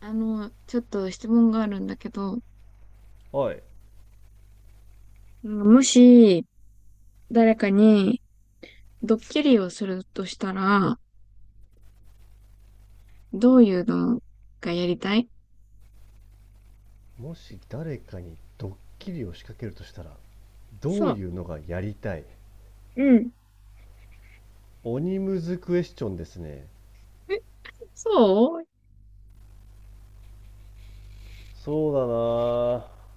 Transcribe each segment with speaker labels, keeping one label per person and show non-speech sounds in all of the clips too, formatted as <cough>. Speaker 1: ちょっと質問があるんだけど、
Speaker 2: おい、
Speaker 1: もし誰かにドッキリをするとしたら、どういうのがやりたい？
Speaker 2: もし誰かにドッキリを仕掛けるとしたら、ど
Speaker 1: そ
Speaker 2: ういう
Speaker 1: う。
Speaker 2: のがやりたい？
Speaker 1: うん。
Speaker 2: 鬼ムズクエスチョンですね。
Speaker 1: え、そう。
Speaker 2: そうだな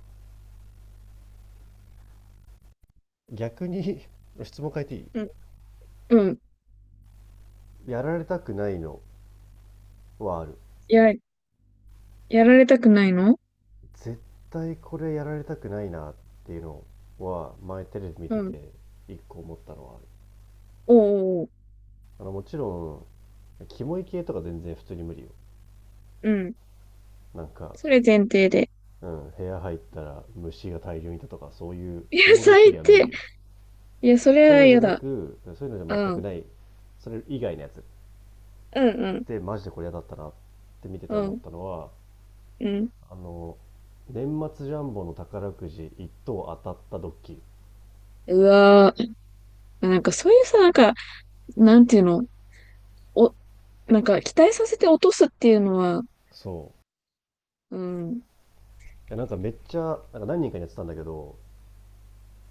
Speaker 2: ぁ、逆に <laughs> 質問変えていい？
Speaker 1: うん、うん。
Speaker 2: やられたくないのはある。
Speaker 1: や、やられたくないの。
Speaker 2: 絶対これやられたくないなっていうのは、前テレビ見
Speaker 1: う
Speaker 2: て
Speaker 1: ん。
Speaker 2: て一個思ったのはある。
Speaker 1: おうおうおう。
Speaker 2: もちろん、キモい系とか全然普通に無理よ。
Speaker 1: うん。
Speaker 2: なんか、
Speaker 1: それ前提で。
Speaker 2: うん、部屋入ったら虫が大量にいたとかそういう
Speaker 1: いや、
Speaker 2: キモドッキ
Speaker 1: 最
Speaker 2: リは無
Speaker 1: 低。
Speaker 2: 理よ。
Speaker 1: いや、それ
Speaker 2: そういう
Speaker 1: は
Speaker 2: のじ
Speaker 1: 嫌
Speaker 2: ゃな
Speaker 1: だ。
Speaker 2: くそういうのじ
Speaker 1: う
Speaker 2: ゃ全く
Speaker 1: ん。
Speaker 2: ない。それ以外のやつっ
Speaker 1: うんうん。
Speaker 2: てマジでこれ嫌だったなって見て
Speaker 1: う
Speaker 2: て思っ
Speaker 1: ん。
Speaker 2: たのは、
Speaker 1: うん。
Speaker 2: あの年末ジャンボの宝くじ1等当たったドッキリ。
Speaker 1: うわー。なんかそういうさ、なんか、なんていうのお、なんか期待させて落とすっていうのは。
Speaker 2: そう、
Speaker 1: うん。
Speaker 2: いや、なんかめっちゃ何人かにやってたんだけど、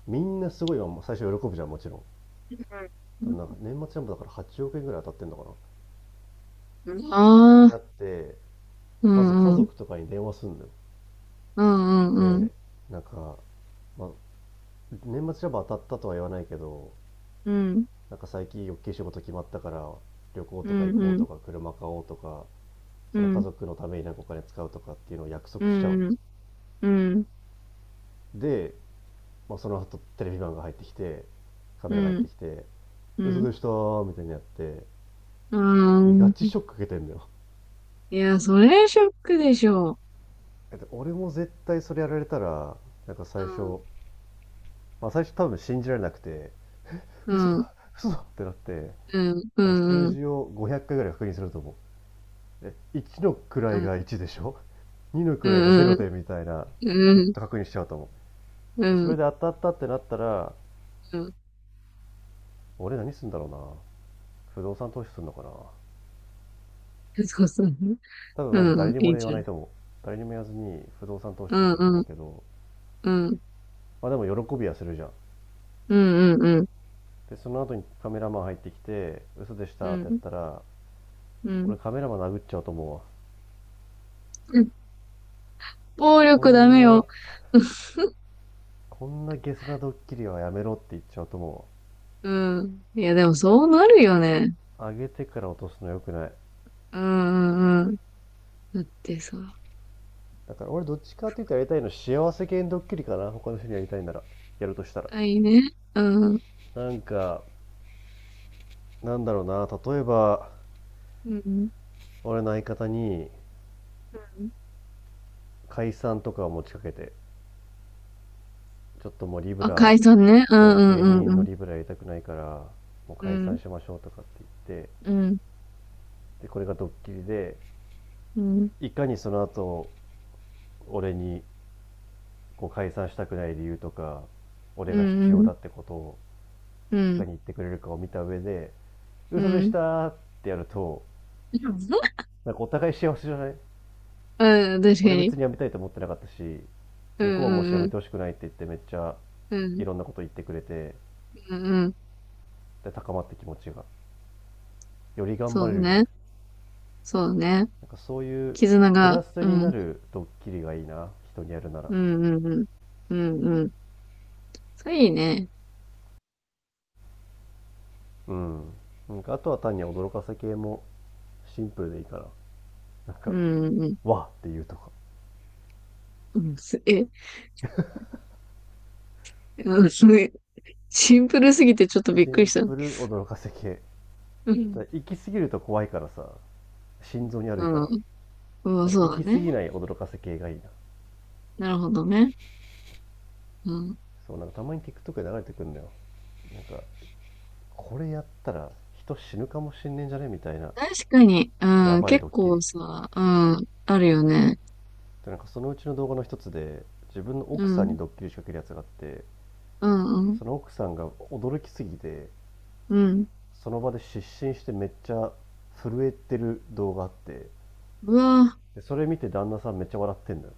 Speaker 2: みんなすごいわ、最初喜ぶじゃん、もちろん。多分なんか年末ジャンボだから8億円ぐらい当たってんのかなっ
Speaker 1: うんあ
Speaker 2: てな
Speaker 1: あ、
Speaker 2: って、
Speaker 1: う
Speaker 2: まず家
Speaker 1: んうん、
Speaker 2: 族とかに電話すんのよ。
Speaker 1: うんうんうん、
Speaker 2: で、なんか、まあ、年末ジャンボ当たったとは言わないけど、
Speaker 1: うん、
Speaker 2: なんか最近大きい仕事決まったから、旅行
Speaker 1: う
Speaker 2: とか行
Speaker 1: ん
Speaker 2: こう
Speaker 1: うん、
Speaker 2: とか車買おうとか、
Speaker 1: う
Speaker 2: その家
Speaker 1: ん、
Speaker 2: 族のためになんかお金使うとかっていうのを約
Speaker 1: う
Speaker 2: 束しちゃうの。
Speaker 1: ん、うん、
Speaker 2: で、まあ、その後テレビマンが入ってきて、カメ
Speaker 1: う
Speaker 2: ラが入って
Speaker 1: ん、
Speaker 2: きて
Speaker 1: う
Speaker 2: 「嘘
Speaker 1: ん、
Speaker 2: でした」みたいにやって、
Speaker 1: う
Speaker 2: ガチ
Speaker 1: ん。
Speaker 2: ショック受けてんのよ。
Speaker 1: いや、それショックでしょう。
Speaker 2: <laughs> 俺も絶対それやられたら、なんか
Speaker 1: う
Speaker 2: 最初、
Speaker 1: ん、
Speaker 2: まあ、最初多分信じられなくて
Speaker 1: う
Speaker 2: 「嘘
Speaker 1: ん、
Speaker 2: だ嘘だ！」ってなって、
Speaker 1: うん、うん、
Speaker 2: 数
Speaker 1: うん、
Speaker 2: 字を500回ぐらい確認すると思う。え、1の
Speaker 1: う
Speaker 2: 位
Speaker 1: ん、
Speaker 2: が1でしょ、2の
Speaker 1: う
Speaker 2: 位が
Speaker 1: ん、う
Speaker 2: 0
Speaker 1: ん、
Speaker 2: でみたいな、ずっ
Speaker 1: うん、
Speaker 2: と確認しちゃうと思
Speaker 1: う
Speaker 2: う。
Speaker 1: ん、
Speaker 2: そ
Speaker 1: う
Speaker 2: れ
Speaker 1: ん、
Speaker 2: で当たったってなったら、俺何すんだろうな。不動産投資すんのかな。
Speaker 1: そうそう、
Speaker 2: 多分
Speaker 1: う
Speaker 2: マジ
Speaker 1: ん、う
Speaker 2: 誰
Speaker 1: ん、
Speaker 2: にも
Speaker 1: いい
Speaker 2: 俺言
Speaker 1: じ
Speaker 2: わ
Speaker 1: ゃ
Speaker 2: な
Speaker 1: ん。
Speaker 2: いと思う。誰にも言わずに不動産投資
Speaker 1: う
Speaker 2: とか
Speaker 1: ん、
Speaker 2: すると
Speaker 1: う
Speaker 2: 思
Speaker 1: ん、
Speaker 2: うけど、
Speaker 1: うん、
Speaker 2: まあでも喜びはするじゃん。
Speaker 1: うん、うん、うん、
Speaker 2: でその後にカメラマン入ってきて嘘でしたってやったら、
Speaker 1: うん、
Speaker 2: 俺カメラマン殴っちゃうと思うわ。
Speaker 1: うん。暴
Speaker 2: こ
Speaker 1: 力ダ
Speaker 2: ん
Speaker 1: メ
Speaker 2: な
Speaker 1: よ。
Speaker 2: こんなゲスなドッキリはやめろって言っちゃうと思
Speaker 1: うん。いや、でもそうなるよね。
Speaker 2: う。上げてから落とすの良くない。
Speaker 1: うんうんうん。だってさ、
Speaker 2: だから俺どっちかって言ったらやりたいの幸せ系のドッキリかな、他の人にやりたいなら、やるとしたら。
Speaker 1: あ、いいね。うん。
Speaker 2: なんかなんだろうな、例えば
Speaker 1: うん。
Speaker 2: 俺の相方に
Speaker 1: うん
Speaker 2: 解散とかを持ちかけて、ちょっともうリブ
Speaker 1: あ、
Speaker 2: ラ、
Speaker 1: 解散ね。うん
Speaker 2: そ
Speaker 1: う
Speaker 2: う、芸
Speaker 1: んうん
Speaker 2: 人
Speaker 1: う
Speaker 2: の
Speaker 1: ん。
Speaker 2: リブラやりたくないから、もう
Speaker 1: う
Speaker 2: 解散
Speaker 1: ん。
Speaker 2: しましょうとかって言って、
Speaker 1: うん。
Speaker 2: でこれがドッキリで、
Speaker 1: うん。
Speaker 2: いかにその後俺にこう解散したくない理由とか、俺
Speaker 1: う
Speaker 2: が必
Speaker 1: ん。う
Speaker 2: 要
Speaker 1: ん。
Speaker 2: だってことを
Speaker 1: う
Speaker 2: いか
Speaker 1: ん。
Speaker 2: に言ってくれるかを見た上で、
Speaker 1: う
Speaker 2: 嘘でし
Speaker 1: ん。
Speaker 2: たーってやると、なんかお互い幸せじゃない？
Speaker 1: 確か
Speaker 2: 俺別
Speaker 1: に。
Speaker 2: に辞めたいと思ってなかったし、
Speaker 1: うん
Speaker 2: 向こうは
Speaker 1: う
Speaker 2: もし辞
Speaker 1: んう
Speaker 2: め
Speaker 1: ん。
Speaker 2: てほしくないって言って、めっちゃ
Speaker 1: う
Speaker 2: い
Speaker 1: ん。
Speaker 2: ろんなこと言ってくれて、
Speaker 1: うんうん。
Speaker 2: で、高まって気持ちが。より頑
Speaker 1: そ
Speaker 2: 張れ
Speaker 1: う
Speaker 2: るじゃん。
Speaker 1: ね。そうね。
Speaker 2: なんかそういう
Speaker 1: 絆
Speaker 2: プ
Speaker 1: が。
Speaker 2: ラス
Speaker 1: う
Speaker 2: にな
Speaker 1: ん。
Speaker 2: るドッキリがいいな、人にやるなら。
Speaker 1: うんうんうん。うんうん。それいいね。
Speaker 2: うん。なんかあとは単に驚かせ系もシンプルでいいから。なん
Speaker 1: う
Speaker 2: か、
Speaker 1: んうん。
Speaker 2: わっていうとか。
Speaker 1: うんす、え、<laughs> うん、すごい。シンプルすぎてちょっとびっ
Speaker 2: シ
Speaker 1: くり
Speaker 2: ン
Speaker 1: した。
Speaker 2: プル驚かせ系。
Speaker 1: う
Speaker 2: た
Speaker 1: ん。
Speaker 2: だ行き過ぎると怖いからさ、心臓に悪いか
Speaker 1: う
Speaker 2: ら。
Speaker 1: ん。うん、
Speaker 2: なんか
Speaker 1: そう
Speaker 2: 行
Speaker 1: だ
Speaker 2: き過
Speaker 1: ね。
Speaker 2: ぎない驚かせ系がいいな。
Speaker 1: なるほどね。うん。
Speaker 2: そう、なんかたまに TikTok で流れてくるんだよ。なんかこれやったら人死ぬかもしんねえんじゃねみたいな、
Speaker 1: 確かに、う
Speaker 2: や
Speaker 1: ん、
Speaker 2: ばい
Speaker 1: 結
Speaker 2: ドッキ
Speaker 1: 構
Speaker 2: リ
Speaker 1: さ、うん、あるよね。
Speaker 2: で、なんかそのうちの動画の一つで自分の
Speaker 1: う
Speaker 2: 奥さん
Speaker 1: ん、
Speaker 2: にドッキリ仕掛けるやつがあって、
Speaker 1: うん、うん、
Speaker 2: その奥さんが驚きすぎて、
Speaker 1: うん。
Speaker 2: その場で失神してめっちゃ震えてる動画あって、
Speaker 1: うわ、
Speaker 2: でそれ見て旦那さんめっちゃ笑ってんだよ。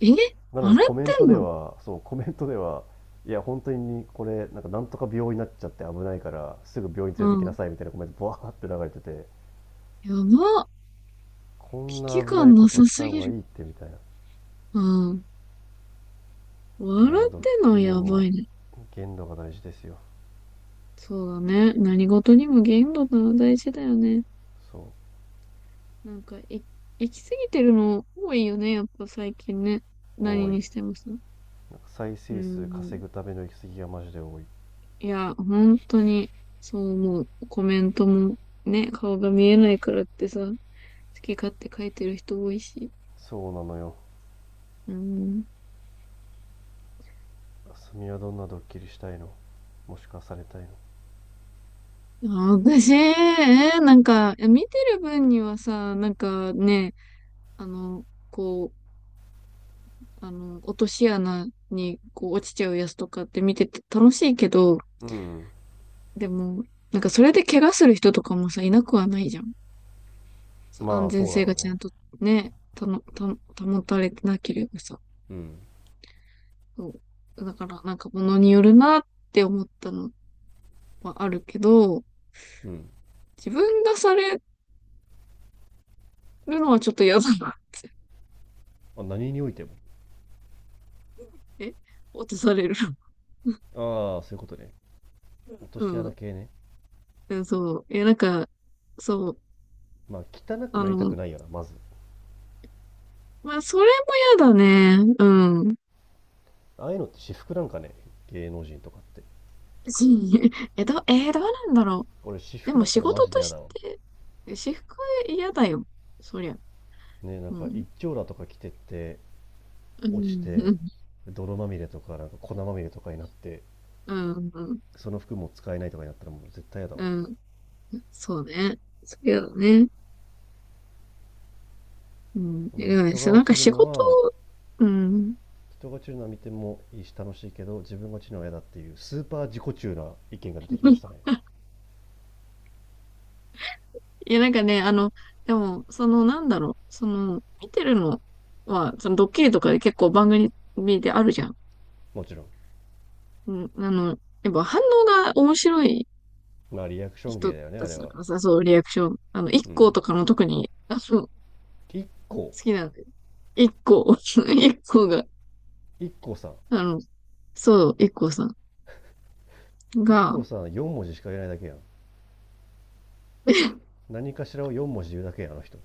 Speaker 1: え、
Speaker 2: なの
Speaker 1: あ
Speaker 2: に
Speaker 1: れっ
Speaker 2: コメン
Speaker 1: て
Speaker 2: ト
Speaker 1: ん
Speaker 2: で
Speaker 1: の。
Speaker 2: は、そう、コメントでは、いや本当にこれなんかなんとか病院になっちゃって危ないからすぐ病院
Speaker 1: う
Speaker 2: 連れてきな
Speaker 1: ん。
Speaker 2: さいみたいなコメントバーって流れてて、
Speaker 1: やば。
Speaker 2: こ
Speaker 1: 危
Speaker 2: んな
Speaker 1: 機
Speaker 2: 危な
Speaker 1: 感
Speaker 2: い
Speaker 1: な
Speaker 2: こと
Speaker 1: さ
Speaker 2: し
Speaker 1: す
Speaker 2: た方
Speaker 1: ぎ
Speaker 2: がい
Speaker 1: る。
Speaker 2: いってみたいな。
Speaker 1: うん。
Speaker 2: い
Speaker 1: 笑
Speaker 2: や
Speaker 1: っ
Speaker 2: ドッ
Speaker 1: てんの
Speaker 2: キ
Speaker 1: は
Speaker 2: リ
Speaker 1: やば
Speaker 2: も
Speaker 1: いね。
Speaker 2: 限度が大事ですよ。
Speaker 1: そうだね。何事にも限度ってのは大事だよね。
Speaker 2: そう、
Speaker 1: なんか、行き過ぎてるの多いよね。やっぱ最近ね。何
Speaker 2: 多い。
Speaker 1: にしてもさ。
Speaker 2: なんか再
Speaker 1: う
Speaker 2: 生数
Speaker 1: ん。
Speaker 2: 稼ぐための行き過ぎがマジで多い。
Speaker 1: いや、本当に、そう思う。コメントもね、顔が見えないからってさ、好き勝手書いてる人多いし。
Speaker 2: そうなのよ。
Speaker 1: うん。
Speaker 2: あすみはどんなドッキリしたいの？もしくはされたいの？
Speaker 1: あ、私、なんか、いや見てる分にはさ、なんかね、あの、こう、落とし穴にこう落ちちゃうやつとかって見てて楽しいけど、
Speaker 2: うん。
Speaker 1: でも、なんかそれで怪我する人とかもさ、いなくはないじゃん。そ
Speaker 2: の
Speaker 1: う、
Speaker 2: ま
Speaker 1: 安
Speaker 2: あ
Speaker 1: 全
Speaker 2: そうだ
Speaker 1: 性が
Speaker 2: ろう
Speaker 1: ちゃ
Speaker 2: ね。
Speaker 1: んとね、たの、た、保たれてなければさ。
Speaker 2: うん、
Speaker 1: そう。だから、なんか物によるなって思ったのはあるけど、
Speaker 2: うん、
Speaker 1: 自分がされるのはちょっと嫌だなって。
Speaker 2: あ、何においても？
Speaker 1: え、落とされる。
Speaker 2: ああ、そういうことね。落
Speaker 1: <laughs>
Speaker 2: と
Speaker 1: う
Speaker 2: し穴
Speaker 1: ん。
Speaker 2: 系ね。
Speaker 1: えそう。え、なんか、そう。
Speaker 2: まあ汚く
Speaker 1: あ
Speaker 2: なりた
Speaker 1: の、
Speaker 2: くないよな、まず。
Speaker 1: まあ、それも嫌だね。うん。
Speaker 2: ああいうのって私服なんかね、芸能人とかって。
Speaker 1: し <laughs> え、ど、えーどうなんだろ
Speaker 2: 俺私
Speaker 1: う。で
Speaker 2: 服
Speaker 1: も
Speaker 2: だった
Speaker 1: 仕
Speaker 2: らマ
Speaker 1: 事
Speaker 2: ジで
Speaker 1: と
Speaker 2: 嫌
Speaker 1: し
Speaker 2: だわ。
Speaker 1: て、私服嫌だよ。そりゃ。
Speaker 2: ね、なん
Speaker 1: う
Speaker 2: か
Speaker 1: ん。
Speaker 2: 一丁羅とか着てって
Speaker 1: う
Speaker 2: 落ち
Speaker 1: ん。う
Speaker 2: て
Speaker 1: ん。
Speaker 2: 泥まみれとかなんか粉まみれとかになって、
Speaker 1: うん。
Speaker 2: その服も使えないとかになったらもう絶対やだわ。
Speaker 1: うん、そうね。そう嫌だね。うん。
Speaker 2: う
Speaker 1: いや
Speaker 2: ん、
Speaker 1: でもね、
Speaker 2: 人
Speaker 1: そ
Speaker 2: が
Speaker 1: うなん
Speaker 2: 落
Speaker 1: か
Speaker 2: ちる
Speaker 1: 仕
Speaker 2: の
Speaker 1: 事。
Speaker 2: は
Speaker 1: うん。
Speaker 2: 人が落ちるのは見てもいいし楽しいけど、自分が落ちるのは嫌だっていうスーパー自己中な意見が出てきましたね。
Speaker 1: <laughs> いや、なんかね、でも、その、なんだろう、その、見てるのは、その、ドッキリとかで結構番組であるじゃん。
Speaker 2: もちろん。
Speaker 1: うん、やっぱ反応が面白い
Speaker 2: まあリアクション芸
Speaker 1: 人
Speaker 2: だよね、あ
Speaker 1: た
Speaker 2: れ
Speaker 1: ちだ
Speaker 2: は。
Speaker 1: からさ、そう、リアクション。一
Speaker 2: う
Speaker 1: 行
Speaker 2: ん。
Speaker 1: とかの特に、好
Speaker 2: 一個
Speaker 1: きなんで。一行、<laughs> 一行が、
Speaker 2: 一個さん
Speaker 1: あの、そう、一行さん
Speaker 2: 一
Speaker 1: が、
Speaker 2: 個さん4文字しか言えないだけやん。何かしらを4文字言うだけやん、あの人。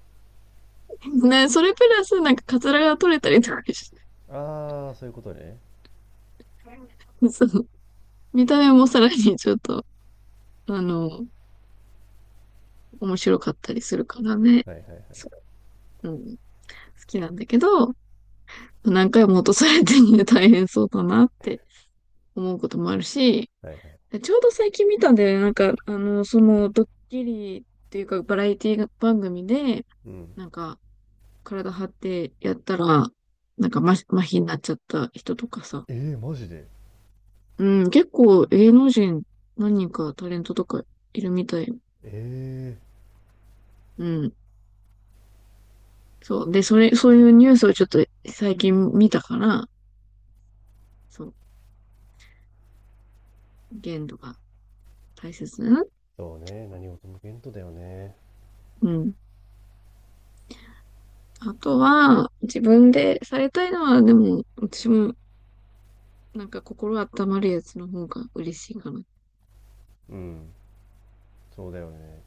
Speaker 1: <laughs> ね、それプラス、なんか、カツラが取れたりとかし
Speaker 2: ああ、そういうことね。
Speaker 1: て、そう、見た目もさらにちょっと、あの、面白かったりするからね。
Speaker 2: はいはいはい。
Speaker 1: そううん、好きなんだけど、何回も落とされてね、大変そうだなって思うこともあるし、
Speaker 2: はいはい。
Speaker 1: ちょうど最近見たんだよね。なんか、その、ドッキリっていうか、バラエティ番組で、
Speaker 2: うん。
Speaker 1: なんか、体張ってやったら、なんか、麻痺になっちゃった人とかさ。
Speaker 2: えー、マジで？
Speaker 1: うん、結構、芸能人、何人かタレントとかいるみたい。
Speaker 2: え、
Speaker 1: うん。そう。で、そういうニュースをちょっと最近見たから、そう。限度が大切なの。
Speaker 2: そうね、何事も限度だよね。
Speaker 1: うん。あとは、自分でされたいのは、でも、私も、なんか心温まるやつの方が嬉しいかな。
Speaker 2: うん、そうだよね。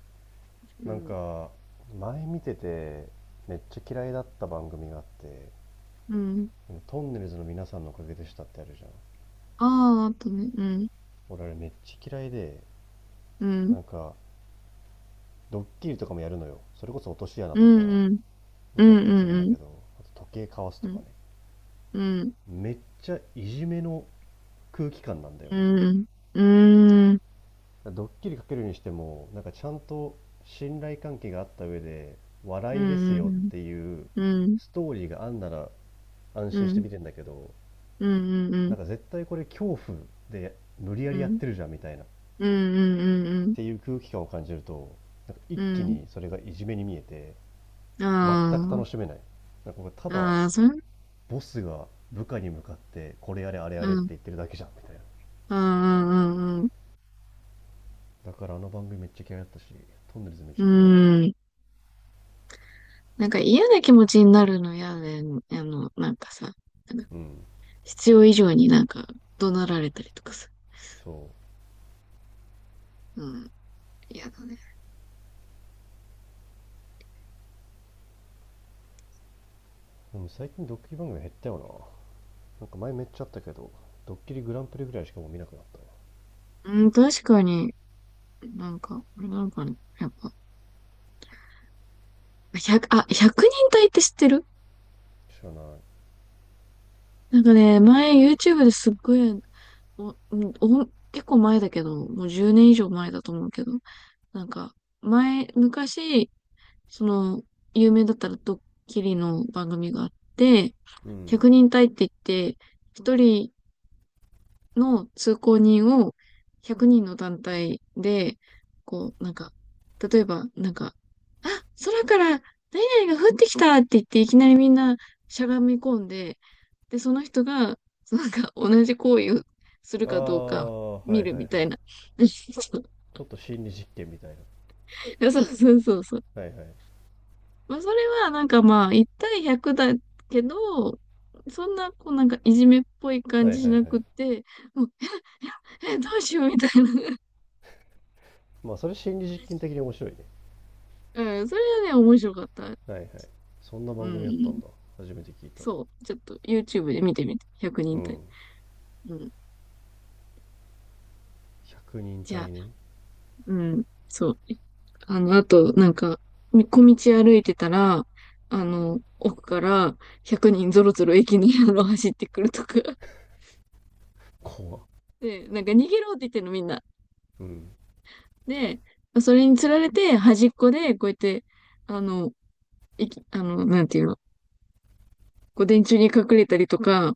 Speaker 1: う
Speaker 2: なん
Speaker 1: ん。
Speaker 2: か、前見てて、めっちゃ嫌いだった番組があって、
Speaker 1: うん。
Speaker 2: トンネルズの皆さんのおかげでしたってあるじゃん。
Speaker 1: ああ、あとね、うん。
Speaker 2: 俺あれめっちゃ嫌いで、
Speaker 1: うん。
Speaker 2: なんか、ドッキリとかもやるのよ。それこそ落とし穴
Speaker 1: う
Speaker 2: と
Speaker 1: ん、
Speaker 2: か、
Speaker 1: うん。
Speaker 2: な
Speaker 1: う
Speaker 2: んかや
Speaker 1: ん、
Speaker 2: ったり
Speaker 1: う
Speaker 2: するんだ
Speaker 1: ん、うん。
Speaker 2: けど、あと時計かわす
Speaker 1: う
Speaker 2: とか
Speaker 1: ん、
Speaker 2: ね。
Speaker 1: うん。
Speaker 2: めっちゃいじめの空気感なんだよ
Speaker 1: う
Speaker 2: ね。
Speaker 1: ん、うん、うん。
Speaker 2: ドッキリかけるにしても、なんかちゃんと信頼関係があった上で、
Speaker 1: う
Speaker 2: 笑いですよっ
Speaker 1: ん、
Speaker 2: ていう
Speaker 1: うん、
Speaker 2: ストーリーがあんなら安
Speaker 1: う
Speaker 2: 心して
Speaker 1: ん。
Speaker 2: 見てんだけど、
Speaker 1: うん、う
Speaker 2: な
Speaker 1: ん、
Speaker 2: んか絶対これ恐怖で無理やりやってるじゃんみたいな、っ
Speaker 1: うん。
Speaker 2: ていう空気感を感じると、なんか一
Speaker 1: う
Speaker 2: 気
Speaker 1: ん。
Speaker 2: にそれがいじめに見えて、全く楽
Speaker 1: あ
Speaker 2: しめない。なんかこれただ
Speaker 1: あ、ああ、それ、
Speaker 2: ボスが部下に向かって、これやれあれ
Speaker 1: う
Speaker 2: やれって
Speaker 1: ん、
Speaker 2: 言ってるだけじゃんみたいな。
Speaker 1: うん、うん、
Speaker 2: だからあの番組めっちゃ嫌いだったし、トンネルズめっ
Speaker 1: う
Speaker 2: ちゃ嫌いだわ。
Speaker 1: ん。なんか嫌な気持ちになるの嫌で、なんかさ、なんか
Speaker 2: うん、
Speaker 1: 必要以上になんか怒鳴られたりとかさ。
Speaker 2: そう。
Speaker 1: うん、嫌だね。
Speaker 2: でも最近ドッキリ番組減ったよな。なんか前めっちゃあったけど、ドッキリグランプリぐらいしかもう見なくなったね。
Speaker 1: うん、確かに、なんか、あれなのかな。やっぱ、100、あ、1人隊って知ってる？
Speaker 2: 知らない。
Speaker 1: なんかね、前 YouTube ですっごい、お、お、結構前だけど、もう10年以上前だと思うけど、なんか、前、昔、その、有名だったらドッキリの番組があって、
Speaker 2: うん。
Speaker 1: 100人隊って言って、一人の通行人を100人の団体で、こう、なんか、例えば、なんか、あ、空から何々が降ってきたって言って、いきなりみんなしゃがみ込んで、で、その人が、そのなんか、同じ行為をする
Speaker 2: あ
Speaker 1: かどうか
Speaker 2: あ、は
Speaker 1: 見
Speaker 2: い
Speaker 1: る
Speaker 2: はいは
Speaker 1: み
Speaker 2: い。
Speaker 1: たいな。<laughs>
Speaker 2: ちょっと心理実験みたいな。
Speaker 1: そうそうそうそう。
Speaker 2: はいはい。は
Speaker 1: まあ、それは、なんかまあ、1対100だけど、そんな、こう、なんか、いじめっぽい
Speaker 2: い
Speaker 1: 感
Speaker 2: はいは
Speaker 1: じし
Speaker 2: い。
Speaker 1: なくって、もう、え、どうしようみたいな。<laughs>
Speaker 2: まあそれ心理実験的に面白いね。
Speaker 1: うん、それはね、面白かった。
Speaker 2: はいはい。そんな
Speaker 1: う
Speaker 2: 番組やった
Speaker 1: ん。
Speaker 2: んだ。初めて聞いた。
Speaker 1: そう。ちょっと YouTube で見てみて。100
Speaker 2: う
Speaker 1: 人隊。
Speaker 2: ん。
Speaker 1: うん。
Speaker 2: 100人
Speaker 1: じゃ
Speaker 2: 隊
Speaker 1: あ、
Speaker 2: ね。
Speaker 1: うん。そう。あと、なんか、小道歩いてたら、奥から100人ぞろぞろ駅に走ってくるとか。
Speaker 2: 怖っ。
Speaker 1: で、なんか逃げろって言ってんのみんな。
Speaker 2: うん。
Speaker 1: で、それにつられて端っこでこうやって、あの、なんていうの、こう電柱に隠れたりとか、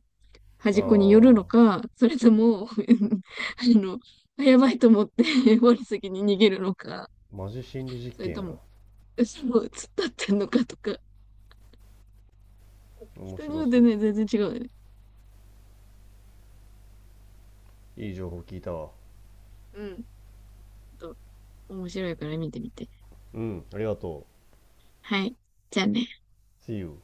Speaker 2: あ
Speaker 1: 端っこに寄るの
Speaker 2: あ、
Speaker 1: か、それとも、<laughs> あの、あやばいと思って <laughs> 我先に逃げるのか、
Speaker 2: マジ心理実
Speaker 1: それ
Speaker 2: 験や
Speaker 1: と
Speaker 2: な。
Speaker 1: も、後ろを突っ立ってんのかとか、
Speaker 2: 面
Speaker 1: 人によ
Speaker 2: 白
Speaker 1: っ
Speaker 2: そ
Speaker 1: て
Speaker 2: う。
Speaker 1: ね、全然違うよね。
Speaker 2: いい情報聞いたわ。
Speaker 1: うん。と、面白いから見てみて。
Speaker 2: うん、ありがと
Speaker 1: はい。じゃあね。
Speaker 2: う。See you.